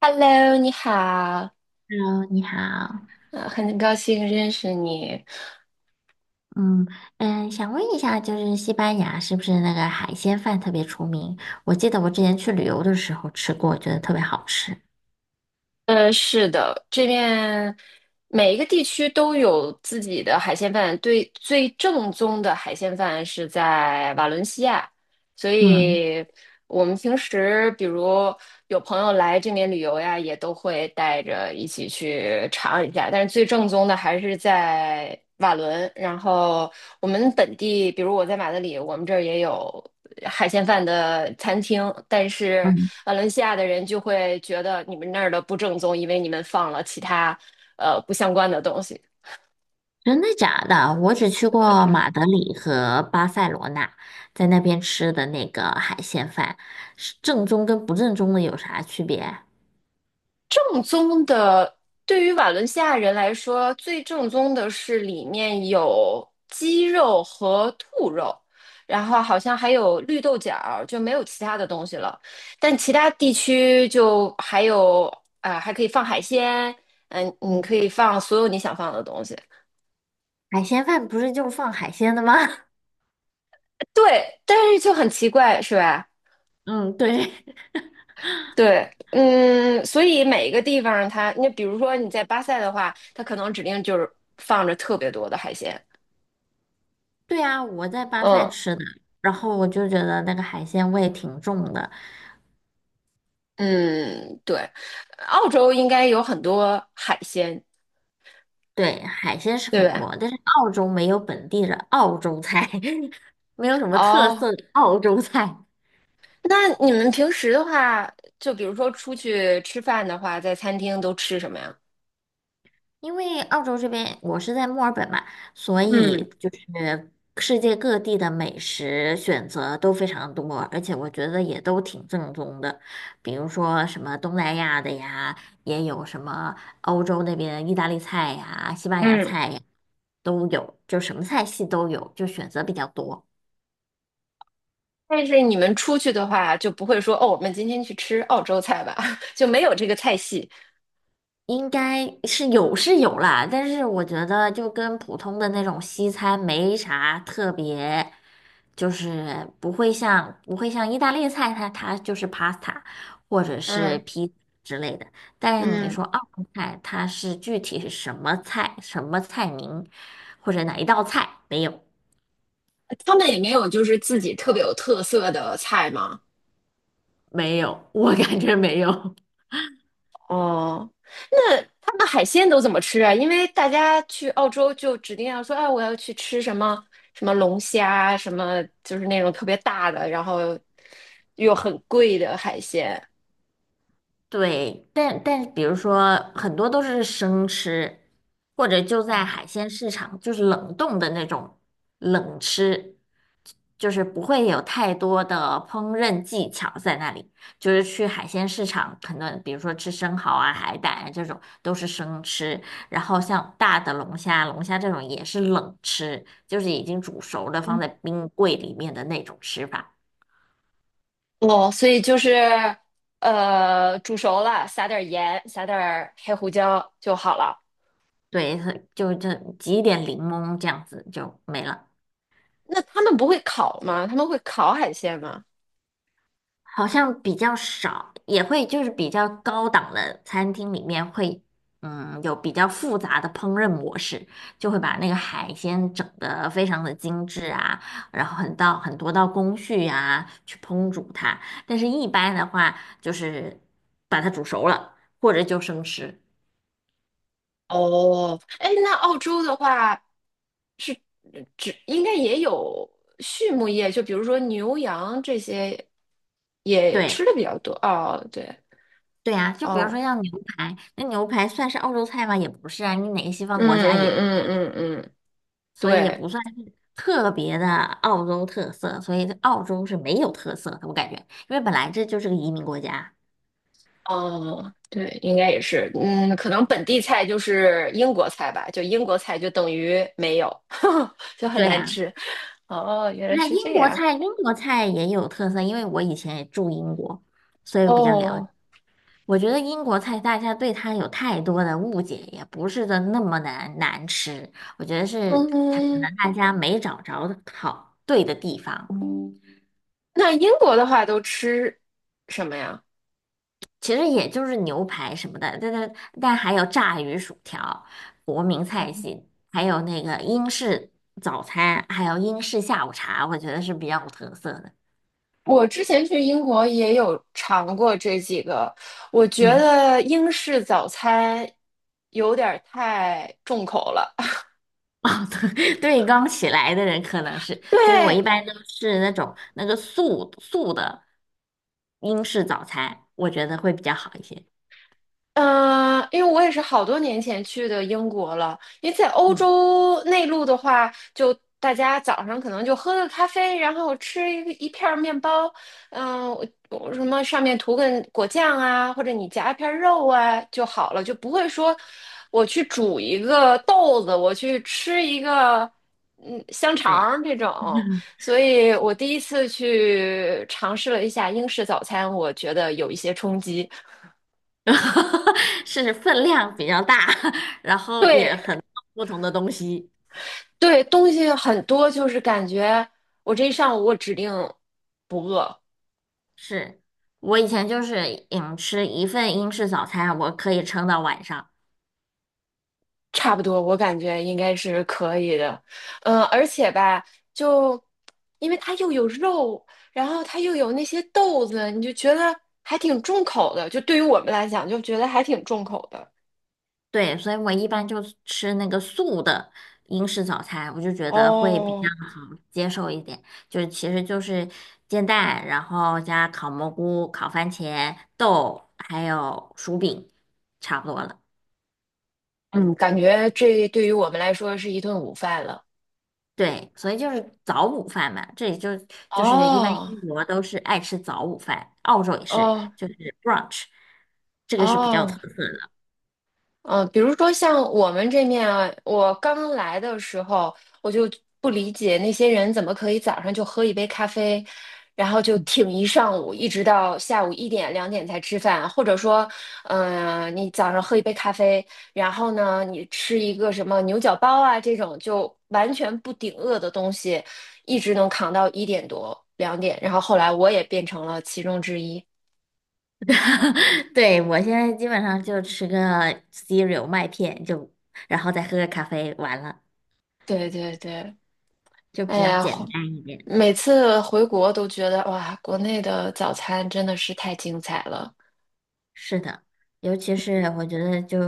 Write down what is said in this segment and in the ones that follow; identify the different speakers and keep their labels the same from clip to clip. Speaker 1: Hello，你好，
Speaker 2: Hello,你好。
Speaker 1: 很高兴认识你。
Speaker 2: 嗯想问一下，就是西班牙是不是那个海鲜饭特别出名？我记得我之前去旅游的时候吃过，觉得特别好吃。
Speaker 1: 是的，这边每一个地区都有自己的海鲜饭，对，最正宗的海鲜饭是在瓦伦西亚，所
Speaker 2: 嗯
Speaker 1: 以我们平时比如有朋友来这边旅游呀，也都会带着一起去尝一下，但是最正宗的还是在瓦伦。然后我们本地，比如我在马德里，我们这儿也有海鲜饭的餐厅，但是。
Speaker 2: 嗯，
Speaker 1: 瓦伦西亚的人就会觉得你们那儿的不正宗，因为你们放了其他不相关的东西。
Speaker 2: 真的假的？我只去过马德里和巴塞罗那，在那边吃的那个海鲜饭，是正宗跟不正宗的有啥区别？
Speaker 1: 正宗的，对于瓦伦西亚人来说，最正宗的是里面有鸡肉和兔肉，然后好像还有绿豆角儿就没有其他的东西了。但其他地区就还有啊、还可以放海鲜，你
Speaker 2: 嗯，
Speaker 1: 可以放所有你想放的东西。
Speaker 2: 海鲜饭不是就是放海鲜的吗？
Speaker 1: 对，但是就很奇怪，是吧？
Speaker 2: 嗯，对。
Speaker 1: 对，嗯，所以每一个地方它，你比如说你在巴塞的话，它可能指定就是放着特别多的海鲜，
Speaker 2: 对啊，我在巴塞
Speaker 1: 嗯
Speaker 2: 吃的，然后我就觉得那个海鲜味挺重的。
Speaker 1: 嗯，对，澳洲应该有很多海鲜，
Speaker 2: 对，海鲜是
Speaker 1: 对
Speaker 2: 很
Speaker 1: 吧？
Speaker 2: 多，但是澳洲没有本地的澳洲菜，没有什么特
Speaker 1: 哦，
Speaker 2: 色的澳洲菜。
Speaker 1: 那你们平时的话，就比如说出去吃饭的话，在餐厅都吃什么呀？
Speaker 2: 因为澳洲这边我是在墨尔本嘛，所
Speaker 1: 嗯
Speaker 2: 以就是世界各地的美食选择都非常多，而且我觉得也都挺正宗的。比如说什么东南亚的呀，也有什么欧洲那边意大利菜呀、西班牙
Speaker 1: 嗯，
Speaker 2: 菜呀，都有，就什么菜系都有，就选择比较多。
Speaker 1: 但是你们出去的话，就不会说哦，我们今天去吃澳洲菜吧，就没有这个菜系，
Speaker 2: 应该是有是有啦，但是我觉得就跟普通的那种西餐没啥特别，就是不会像意大利菜它，它就是 pasta 或者是
Speaker 1: 嗯
Speaker 2: 披萨之类的。但是你
Speaker 1: 嗯。
Speaker 2: 说澳门菜，它是具体是什么菜、什么菜名，或者哪一道菜，没有。
Speaker 1: 他们也没有就是自己特别有特色的菜吗？
Speaker 2: 没有，我感觉没有。
Speaker 1: 哦，那他们海鲜都怎么吃啊？因为大家去澳洲就指定要说，哎，我要去吃什么什么龙虾，什么就是那种特别大的，然后又很贵的海鲜。
Speaker 2: 对，但比如说很多都是生吃，或者就在海鲜市场，就是冷冻的那种冷吃，就是不会有太多的烹饪技巧在那里。就是去海鲜市场，可能比如说吃生蚝啊、海胆啊这种都是生吃，然后像大的龙虾、龙虾这种也是冷吃，就是已经煮熟的放
Speaker 1: 嗯
Speaker 2: 在冰柜里面的那种吃法。
Speaker 1: 哦，所以就是煮熟了撒点盐，撒点黑胡椒就好了。
Speaker 2: 对，就挤一点柠檬这样子就没了。
Speaker 1: 那他们不会烤吗？他们会烤海鲜吗？
Speaker 2: 好像比较少，也会就是比较高档的餐厅里面会，嗯，有比较复杂的烹饪模式，就会把那个海鲜整得非常的精致啊，然后很多道工序啊去烹煮它。但是一般的话，就是把它煮熟了，或者就生吃。
Speaker 1: 哦，哎，那澳洲的话，是只应该也有畜牧业，就比如说牛羊这些也
Speaker 2: 对。
Speaker 1: 吃的比较多。哦，对，
Speaker 2: 对啊，就比如说
Speaker 1: 哦，
Speaker 2: 像牛排，那牛排算是澳洲菜吗？也不是啊，你哪个西方
Speaker 1: 嗯
Speaker 2: 国家也。
Speaker 1: 嗯嗯嗯嗯，
Speaker 2: 所以也
Speaker 1: 对，
Speaker 2: 不算是特别的澳洲特色，所以澳洲是没有特色的，我感觉，因为本来这就是个移民国家。
Speaker 1: 哦，对，应该也是，嗯，可能本地菜就是英国菜吧，就英国菜就等于没有，就很
Speaker 2: 对
Speaker 1: 难
Speaker 2: 呀，
Speaker 1: 吃。哦，原
Speaker 2: 不
Speaker 1: 来
Speaker 2: 是
Speaker 1: 是
Speaker 2: 英
Speaker 1: 这
Speaker 2: 国
Speaker 1: 样。
Speaker 2: 菜，英国菜也有特色，因为我以前也住英国，所以我比较了解。
Speaker 1: 哦，
Speaker 2: 我觉得英国菜大家对它有太多的误解，也不是的那么难难吃，我觉得是它可
Speaker 1: 嗯，
Speaker 2: 能大家没找着好对的地方。
Speaker 1: 那英国的话都吃什么呀？
Speaker 2: 其实也就是牛排什么的，但还有炸鱼薯条，国民菜系，还有那个英式早餐，还有英式下午茶，我觉得是比较有特色的。
Speaker 1: 我之前去英国也有尝过这几个，我觉
Speaker 2: 嗯，
Speaker 1: 得英式早餐有点儿太重口了。
Speaker 2: 哦，对，对，刚起来的人可能是，
Speaker 1: 对，
Speaker 2: 所以我一般都是那种那个素素的英式早餐，我觉得会比较好一些。
Speaker 1: 嗯，因为我也是好多年前去的英国了。因为在欧
Speaker 2: 嗯，
Speaker 1: 洲内陆的话，就大家早上可能就喝个咖啡，然后吃一个一片儿面包，我什么上面涂个果酱啊，或者你夹一片儿肉啊就好了，就不会说我去煮一个豆子，我去吃一个香肠
Speaker 2: 对，
Speaker 1: 儿这种。所以我第一次去尝试了一下英式早餐，我觉得有一些冲击。
Speaker 2: 是分量比较大，然后也
Speaker 1: 对，
Speaker 2: 很多不同的东西。
Speaker 1: 对，东西很多，就是感觉我这一上午我指定不饿，
Speaker 2: 是我以前就是吃一份英式早餐，我可以撑到晚上。
Speaker 1: 差不多，我感觉应该是可以的。嗯，而且吧，就因为它又有肉，然后它又有那些豆子，你就觉得还挺重口的。就对于我们来讲，就觉得还挺重口的。
Speaker 2: 对，所以我一般就吃那个素的英式早餐，我就觉得会比较
Speaker 1: 哦，
Speaker 2: 好接受一点。就是其实就是煎蛋，然后加烤蘑菇、烤番茄、豆，还有薯饼，差不多了。
Speaker 1: 嗯，感觉这对于我们来说是一顿午饭了。
Speaker 2: 对，所以就是早午饭嘛，这里就是一般
Speaker 1: 哦，
Speaker 2: 英国都是爱吃早午饭，澳洲也是，
Speaker 1: 哦，
Speaker 2: 就是 brunch,这个是比较特
Speaker 1: 哦，嗯，比如说像我们这面啊，我刚来的时候，我就不理解那些人怎么可以早上就喝一杯咖啡，然后就挺一上午，一直到下午1点2点才吃饭，或者说，你早上喝一杯咖啡，然后呢，你吃一个什么牛角包啊这种就完全不顶饿的东西，一直能扛到1点多2点，然后后来我也变成了其中之一。
Speaker 2: 对，我现在基本上就吃个 cereal 麦片，就然后再喝个咖啡，完了
Speaker 1: 对对对，
Speaker 2: 就比
Speaker 1: 哎
Speaker 2: 较
Speaker 1: 呀，
Speaker 2: 简单一点。
Speaker 1: 每次回国都觉得哇，国内的早餐真的是太精彩了。
Speaker 2: 是的，尤其是我觉得就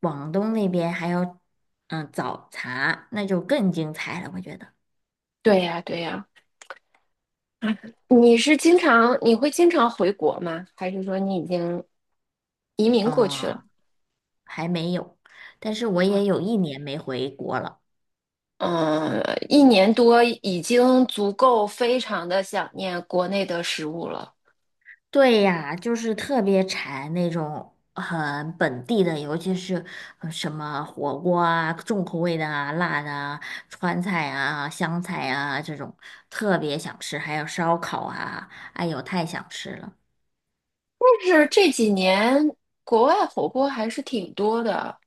Speaker 2: 广东那边还有嗯早茶，那就更精彩了，我觉得。
Speaker 1: 对呀，对呀。啊，你是经常，你会经常回国吗？还是说你已经移民过去了？
Speaker 2: 哦，还没有，但是我
Speaker 1: 啊
Speaker 2: 也有一年没回国了。
Speaker 1: 嗯，一年多已经足够非常的想念国内的食物了。
Speaker 2: 对呀，就是特别馋那种很本地的，尤其是什么火锅啊、重口味的啊、辣的啊、川菜啊、湘菜啊这种，特别想吃。还有烧烤啊，哎呦，太想吃了。
Speaker 1: 但是这几年国外火锅还是挺多的。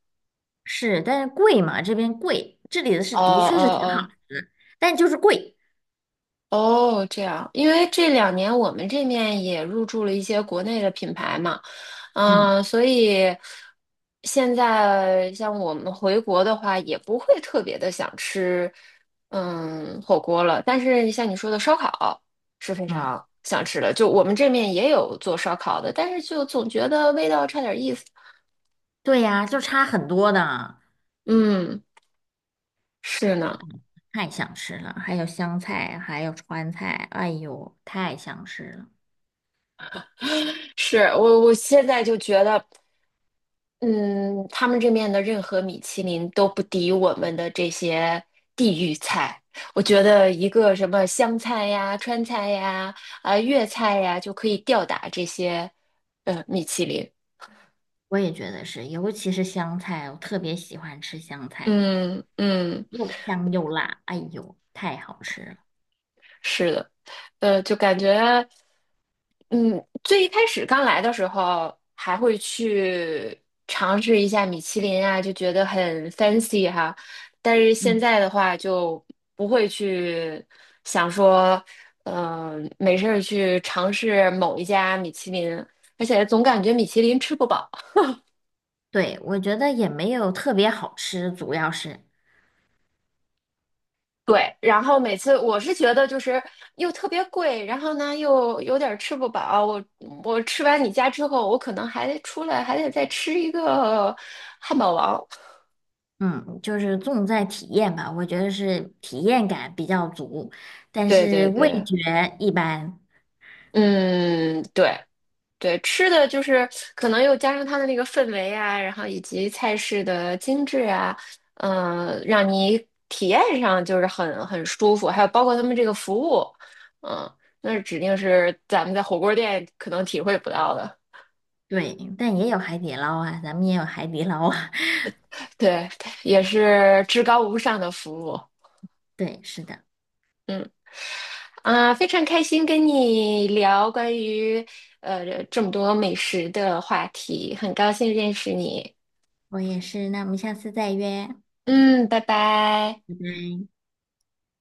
Speaker 2: 是，但是贵嘛，这边贵，这里的是
Speaker 1: 哦
Speaker 2: 的确是
Speaker 1: 哦
Speaker 2: 挺好
Speaker 1: 哦
Speaker 2: 吃，但就是贵。
Speaker 1: 哦，这样，因为这两年我们这面也入驻了一些国内的品牌嘛，
Speaker 2: 嗯
Speaker 1: 嗯，所以现在像我们回国的话，也不会特别的想吃，嗯，火锅了。但是像你说的烧烤是非
Speaker 2: 嗯，
Speaker 1: 常想吃的，就我们这面也有做烧烤的，但是就总觉得味道差点意思。
Speaker 2: 对呀，就差很多的，
Speaker 1: 嗯，是呢，
Speaker 2: 太想吃了。还有湘菜，还有川菜，哎呦，太想吃了。
Speaker 1: 是我现在就觉得。嗯，他们这面的任何米其林都不敌我们的这些地域菜。我觉得一个什么湘菜呀、川菜呀、啊粤菜呀，就可以吊打这些米其林。
Speaker 2: 我也觉得是，尤其是香菜，我特别喜欢吃香菜，
Speaker 1: 嗯嗯，
Speaker 2: 又香又辣，哎呦，太好吃了。
Speaker 1: 是的，就感觉。嗯，最一开始刚来的时候，还会去尝试一下米其林啊，就觉得很 fancy 哈。但是现
Speaker 2: 嗯，
Speaker 1: 在的话，就不会去想说，没事儿去尝试某一家米其林，而且总感觉米其林吃不饱。
Speaker 2: 对，我觉得也没有特别好吃，主要是，
Speaker 1: 对，然后每次我是觉得就是又特别贵，然后呢又有点儿吃不饱。我吃完你家之后，我可能还得出来，还得再吃一个汉堡王。
Speaker 2: 嗯，就是重在体验吧，我觉得是体验感比较足，但
Speaker 1: 对
Speaker 2: 是
Speaker 1: 对
Speaker 2: 味
Speaker 1: 对，
Speaker 2: 觉一般。
Speaker 1: 嗯，对对，吃的就是可能又加上它的那个氛围啊，然后以及菜式的精致啊，让你体验上就是很舒服，还有包括他们这个服务，嗯、那指定是咱们在火锅店可能体会不到的，
Speaker 2: 对，但也有海底捞啊，咱们也有海底捞啊。
Speaker 1: 对，也是至高无上的服务，
Speaker 2: 对，是的，
Speaker 1: 嗯非常开心跟你聊关于这么多美食的话题，很高兴认识你。
Speaker 2: 我也是。那我们下次再约。
Speaker 1: 嗯，拜拜。